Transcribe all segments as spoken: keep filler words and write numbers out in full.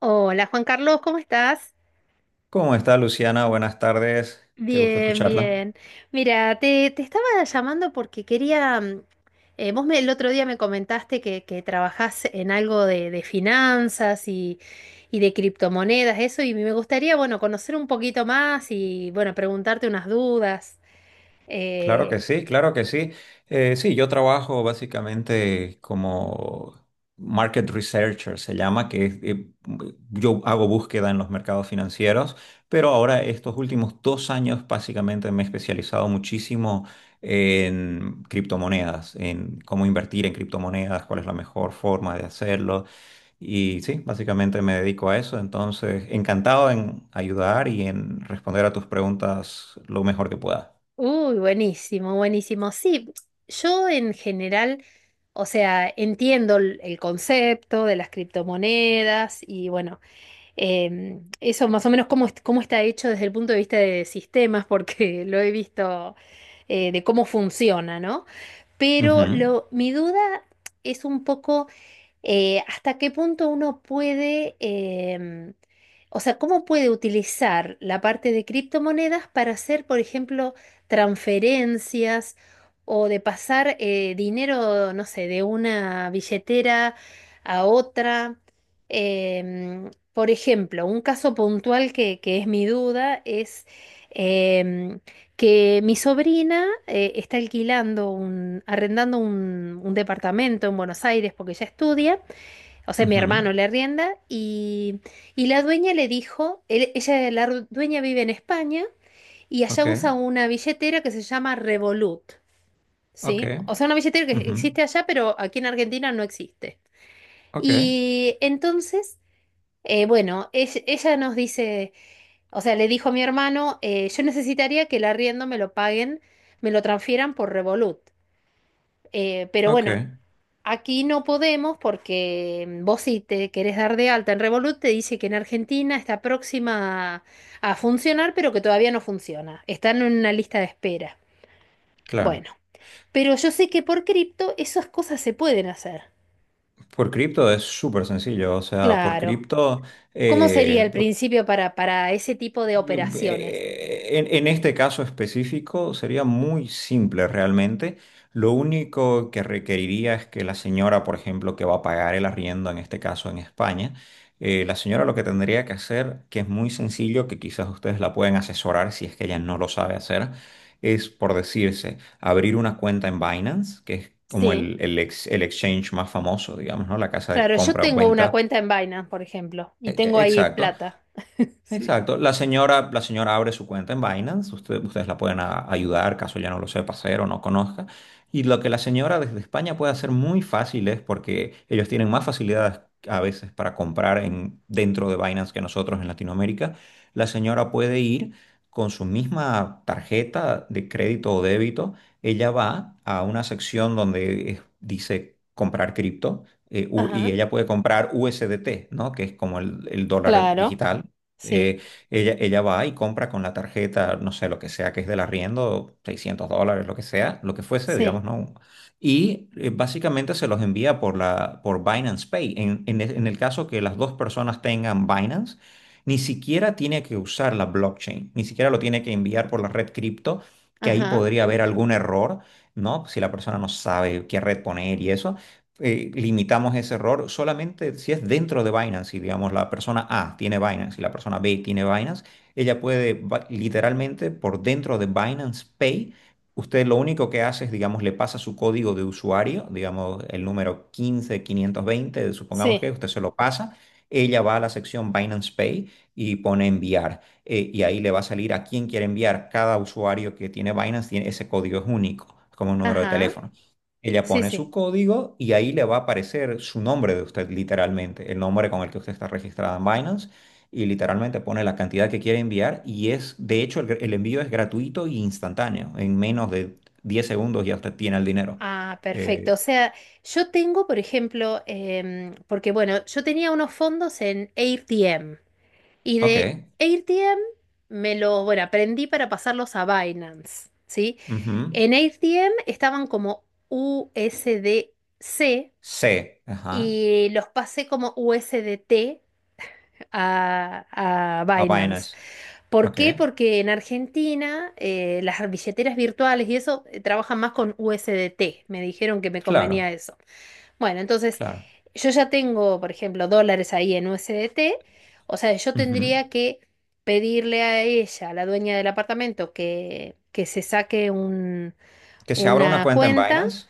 Hola Juan Carlos, ¿cómo estás? ¿Cómo está Luciana? Buenas tardes. Qué gusto Bien, escucharla. bien. Mira, te, te estaba llamando porque quería, mm, eh, vos me, el otro día me comentaste que, que trabajás en algo de, de finanzas y, y de criptomonedas, eso, y me gustaría, bueno, conocer un poquito más y, bueno, preguntarte unas dudas. Claro Eh, que sí, claro que sí. Eh, sí, yo trabajo básicamente como market researcher, se llama, que es, eh, yo hago búsqueda en los mercados financieros, pero ahora estos últimos dos años básicamente me he especializado muchísimo en criptomonedas, en cómo invertir en criptomonedas, cuál es la mejor forma de hacerlo. Y sí, básicamente me dedico a eso, entonces encantado en ayudar y en responder a tus preguntas lo mejor que pueda. Uy, buenísimo, buenísimo. Sí, yo en general... O sea, entiendo el el concepto de las criptomonedas y bueno, Em, eso más o menos cómo, est- cómo está hecho desde el punto de vista de sistemas, porque lo he visto eh, de cómo funciona, ¿no? Pero Ujú, lo, mi duda es un poco eh, ¿hasta qué punto uno puede, em, o sea, cómo puede utilizar la parte de criptomonedas para hacer, por ejemplo, transferencias o de pasar eh, dinero, no sé, de una billetera a otra? Em, por ejemplo, un caso puntual que, que es mi duda es em, que mi sobrina eh, está alquilando un, arrendando un, un departamento en Buenos Aires porque ella estudia, o sea, mi ujú, hermano le arrienda y, y la dueña le dijo, él- ella, la ru- dueña vive en España y allá ok, usa una billetera que se llama Revolut, ok, ¿sí? O sea, una billetera que ujú, existe allá, pero aquí en Argentina no existe. ok, Y entonces, eh, bueno, ell- ella, nos dice, o sea, le dijo a mi hermano, eh, yo necesitaría que el arriendo me lo paguen, me lo transfieran por Revolut. Eh, pero ok, bueno, aquí no podemos porque mm, vos si te querés dar de alta en Revolut te dice que en Argentina está próxima a, a funcionar, pero que todavía no funciona. Están en una lista de espera. claro. Bueno, pero yo sé que por cripto esas cosas se pueden hacer. Por cripto es súper sencillo, o sea, por Claro. cripto, ¿Cómo sería eh, el principio para, para ese tipo de operaciones? Eh, En, en este caso específico sería muy simple realmente. Lo único que requeriría es que la señora, por ejemplo, que va a pagar el arriendo, en este caso en España, eh, la señora lo que tendría que hacer, que es muy sencillo, que quizás ustedes la pueden asesorar si es que ella no lo sabe hacer, es por decirse, abrir una cuenta en Binance, que es como Sí. el, el ex- el exchange más famoso, digamos, ¿no? La casa de Claro, yo compra o tengo una venta. cuenta en Binance, por ejemplo, y E- tengo e- ahí Exacto plata. Sí. Exacto. La señora, la señora abre su cuenta en Binance. Usted- ustedes la pueden a- ayudar, caso ya no lo sepa hacer o no conozca. Y lo que la señora desde España puede hacer muy fácil es porque ellos tienen más facilidades a veces para comprar en, dentro de Binance que nosotros en Latinoamérica. La señora puede ir con su misma tarjeta de crédito o débito. Ella va a una sección donde eh, dice comprar cripto, eh, u- y Ajá. ella puede comprar U S D T, ¿no? Que es como el el dólar Claro. digital. Sí. Eh, ella, ella va y compra con la tarjeta, no sé, lo que sea que es del arriendo, seiscientos dólares, lo que sea, lo que fuese, Sí. digamos, ¿no? Y eh, básicamente se los envía por, la, por Binance Pay. En, en e- en el caso que las dos personas tengan Binance, ni siquiera tiene que usar la blockchain, ni siquiera lo tiene que enviar por la red cripto, que ahí Ajá. podría haber algún error, ¿no? Si la persona no sabe qué red poner y eso, eh, limitamos ese error solamente si es dentro de Binance. Si digamos, la persona A tiene Binance y la persona B tiene Binance, ella puede ba- literalmente por dentro de Binance Pay, usted lo único que hace es, digamos, le pasa su código de usuario, digamos, el número quince mil quinientos veinte, supongamos Sí. que usted se lo pasa. Ella va a la sección Binance Pay y pone enviar, eh, y ahí le va a salir a quién quiere enviar. Cada usuario que tiene Binance tiene ese código, es único, es como un número de Ajá. teléfono. Ella Sí, pone sí. su código y ahí le va a aparecer su nombre de usted, literalmente, el nombre con el que usted está registrada en Binance, y literalmente pone la cantidad que quiere enviar y es, de hecho, el, el envío es gratuito e instantáneo. En menos de diez segundos ya usted tiene el dinero. Ah, perfecto. O Eh, sea, yo tengo, por ejemplo, em, porque bueno, yo tenía unos fondos en AirTM, y de ok, AirTM me lo, bueno, aprendí para pasarlos a Binance, ¿sí? ujú. En AirTM estaban como U S D C C. Ajá. y los pasé como U S D T a, a A Binance. Binance. ¿Por Ok. qué? Porque en Argentina eh, las billeteras virtuales y eso eh, trabajan más con U S D T. Me dijeron que me convenía Claro, eso. Bueno, entonces claro, yo ya tengo, por ejemplo, dólares ahí en U S D T. O sea, yo ujú. tendría que pedirle a ella, a la dueña del apartamento, que, que se saque un- Que se abra una una cuenta en cuenta Binance.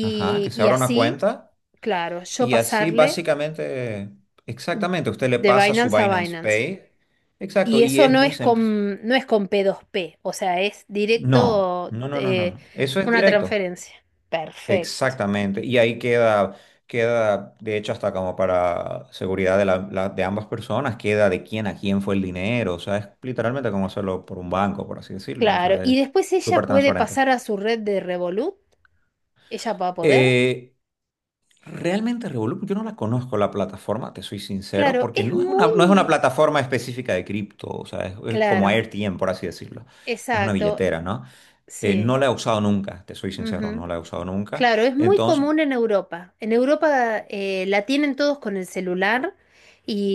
Ajá. Que se y abra una así, cuenta. claro, yo Y así pasarle básicamente, exactamente, usted le de pasa su Binance a Binance Binance. Pay. Exacto, Y y eso es no muy es simple. con, no es con p dos p, o sea, es No, directo, no, no, no, no, eh, no. Eso es una directo. transferencia. Perfecto. Exactamente. Y ahí queda, queda, de hecho, hasta como para seguridad de, la- la- de ambas personas, queda de quién a quién fue el dinero. O sea, es literalmente como hacerlo por un banco, por así decirlo. O Claro. sea, es Y después ella súper puede transparente. pasar a su red de Revolut. Ella va a poder. Eh, Realmente Revolut, yo no la conozco la plataforma, te soy sincero, Claro, porque es no es una, no es una muy plataforma específica de cripto, o sea, es, es como claro. AirTM, por así decirlo. Es una Exacto. billetera, ¿no? Eh, Sí. no la he usado nunca, te soy sincero, no la he usado nunca. Claro, es muy Entonces, común en Europa. En Europa eh, la tienen todos con el celular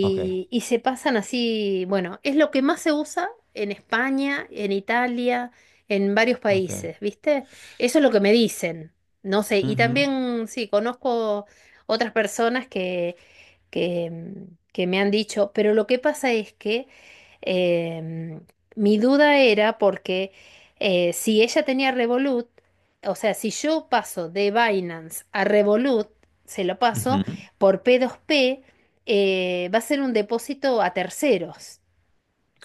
ok, y se pasan así, bueno, es lo que más se usa en España, en Italia, en varios ok, países, ¿viste? Eso es lo que me dicen. No sé, y ujú, también sí, conozco otras personas que, mm, que me han dicho, pero lo que pasa es que em, mi duda era porque eh, si ella tenía Revolut, o sea, si yo paso de Binance a Revolut, se lo paso ujú, por p dos p, eh, va a ser un depósito a terceros.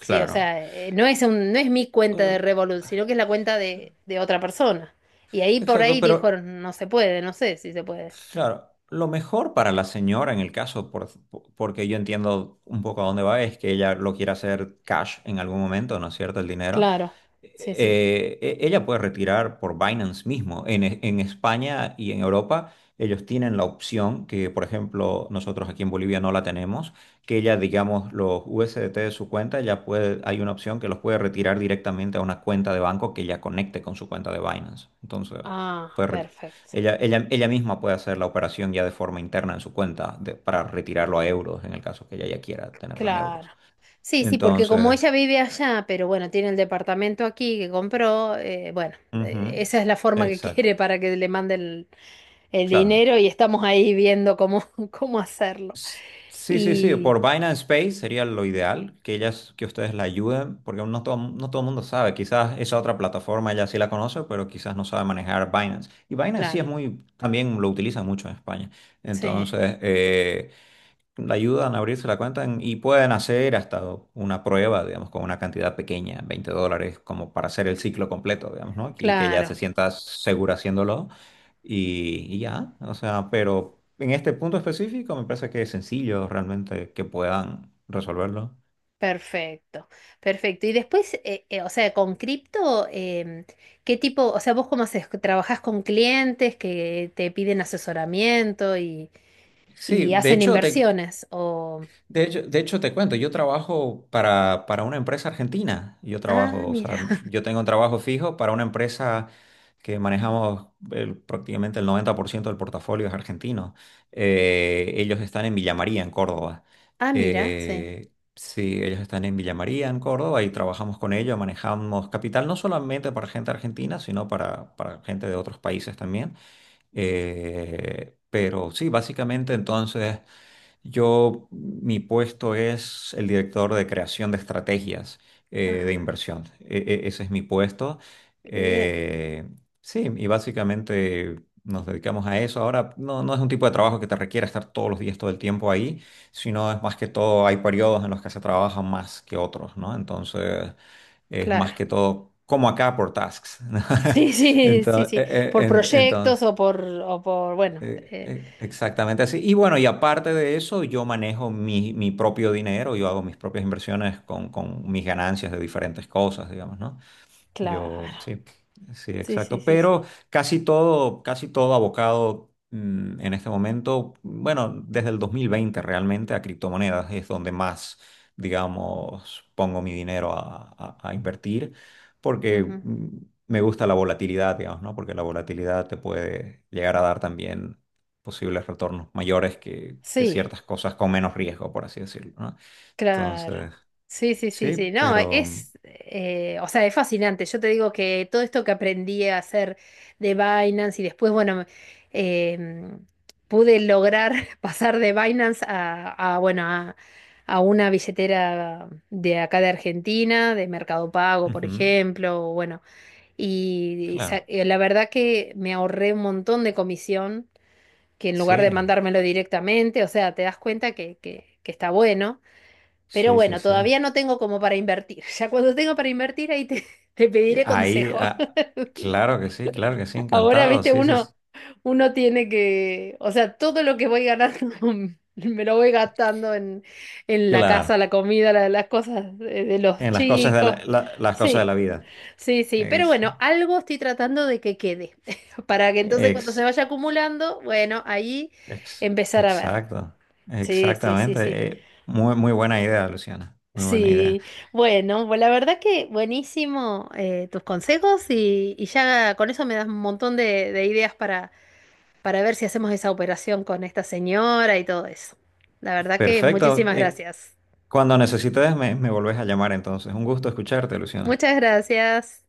Sí, o sea, eh, no es un, no es mi cuenta de Eh, Revolut, sino que es la cuenta de, de otra persona. Y ahí por Exacto, ahí pero dijo, no se puede, no sé si se puede. claro, lo mejor para la señora en el caso, por- por- porque yo entiendo un poco a dónde va, es que ella lo quiera hacer cash en algún momento, ¿no es cierto? El dinero. Claro, sí, sí. Eh, e- ella puede retirar por Binance mismo. En, E- en España y en Europa, ellos tienen la opción que, por ejemplo, nosotros aquí en Bolivia no la tenemos, que ella, digamos, los U S D T de su cuenta, ya puede, hay una opción que los puede retirar directamente a una cuenta de banco que ya conecte con su cuenta de Binance. Entonces, Ah, puede re- perfecto. ella, ella, ella misma puede hacer la operación ya de forma interna en su cuenta de- para retirarlo a euros, en el caso que ella ya quiera tenerlo en Claro. euros. Sí, sí, porque como Entonces, ella vive allá, pero bueno, tiene el departamento aquí que compró, eh, bueno, ujú, eh, esa es la forma que exacto. quiere para que le mande el, el Claro. dinero y estamos ahí viendo cómo, cómo hacerlo. S- Sí, sí, sí, Y por Binance Space sería lo ideal que ellas, que ustedes la ayuden, porque no todo, no todo el mundo sabe, quizás esa otra plataforma ella sí la conoce, pero quizás no sabe manejar Binance. Y Binance sí claro, es muy, también lo utilizan mucho en España. sí, Entonces, eh, le ayudan a abrirse la cuenta en- y pueden hacer hasta una prueba, digamos, con una cantidad pequeña, veinte dólares, como para hacer el ciclo completo, digamos, ¿no? Y que ya se claro, sienta segura haciéndolo y, y ya, o sea, pero en este punto específico me parece que es sencillo realmente que puedan resolverlo. perfecto, perfecto. Y después, eh, eh, o sea, con cripto, em, ¿qué tipo, o sea, vos cómo haces? ¿Trabajás con clientes que te piden asesoramiento y, Sí, y de hacen hecho, te, inversiones? De hecho, de hecho, te cuento, yo trabajo para, para una empresa argentina. Yo Ah, trabajo, o mira. sea, yo tengo un trabajo fijo para una empresa que manejamos el- prácticamente el noventa por ciento del portafolio es argentino. Eh, ellos están en Villa María, en Córdoba. Ah, mira, sí. Eh, sí, ellos están en Villa María, en Córdoba, y trabajamos con ellos, manejamos capital no solamente para gente argentina, sino para, para gente de otros países también. Eh, pero sí, básicamente entonces... Yo, mi puesto es el director de creación de estrategias eh, de Ajá, inversión. E- e- ese es mi puesto. qué bien. Eh, sí, y básicamente nos dedicamos a eso. Ahora, no, no es un tipo de trabajo que te requiera estar todos los días, todo el tiempo ahí, sino es más que todo, hay periodos en los que se trabaja más que otros, ¿no? Entonces, es más Claro. que todo, como acá por tasks. Sí, sí, sí, sí. Por proyectos Entonces, o por, o por, bueno, eh, eh, eh, exactamente así. Y bueno, y aparte de eso, yo manejo mi, mi propio dinero, yo hago mis propias inversiones con, con mis ganancias de diferentes cosas, digamos, ¿no? Yo, claro. sí, sí, Sí, sí, exacto. sí, Pero sí. casi todo, casi todo abocado mm, en este momento, bueno, desde el dos mil veinte realmente a criptomonedas es donde más, digamos, pongo mi dinero a, a- a invertir, porque Ujú. mm, me gusta la volatilidad, digamos, ¿no? Porque la volatilidad te puede llegar a dar también posibles retornos mayores que, que Sí, ciertas cosas con menos riesgo, por así decirlo, ¿no? claro. Entonces, Sí, sí, sí, sí, sí. No, pero... mm, es, eh, o sea, es fascinante. Yo te digo que todo esto que aprendí a hacer de Binance y después, bueno, eh, pude lograr pasar de Binance a, a, bueno, a, a una billetera de acá de Argentina, de Mercado Pago, por ujú, ejemplo, o bueno, y, y sa- claro. eh, la verdad que me ahorré un montón de comisión, que en lugar de Sí, mandármelo directamente, o sea, te das cuenta que, que que está bueno. Pero sí, sí, bueno, sí. todavía no tengo como para invertir. Ya cuando tengo para invertir, ahí te, te Eh, pediré Ahí, consejo. ah, claro que sí, claro que sí, Ahora, encantado. viste, Sí, sí, uno, sí. uno tiene que, o sea, todo lo que voy ganando me lo voy gastando en, en la casa, Claro. la comida, la- las cosas de, de los En las cosas de chicos. la, la- las cosas de Sí, la vida. sí, sí. Pero Ex- bueno, algo estoy tratando de que quede. Para que entonces cuando ex- se vaya acumulando, bueno, ahí ex- empezar a ver. exacto. Sí, sí, sí, Exactamente. sí. Eh, muy, muy buena idea, Luciana. Muy buena idea. Sí, bueno, pues la verdad que buenísimo, eh, tus consejos y, y ya con eso me das un montón de, de ideas para, para ver si hacemos esa operación con esta señora y todo eso. La verdad que Perfecto. muchísimas Eh, gracias. Cuando necesites, me, me volvés a llamar entonces. Un gusto escucharte, Luciana. Muchas gracias.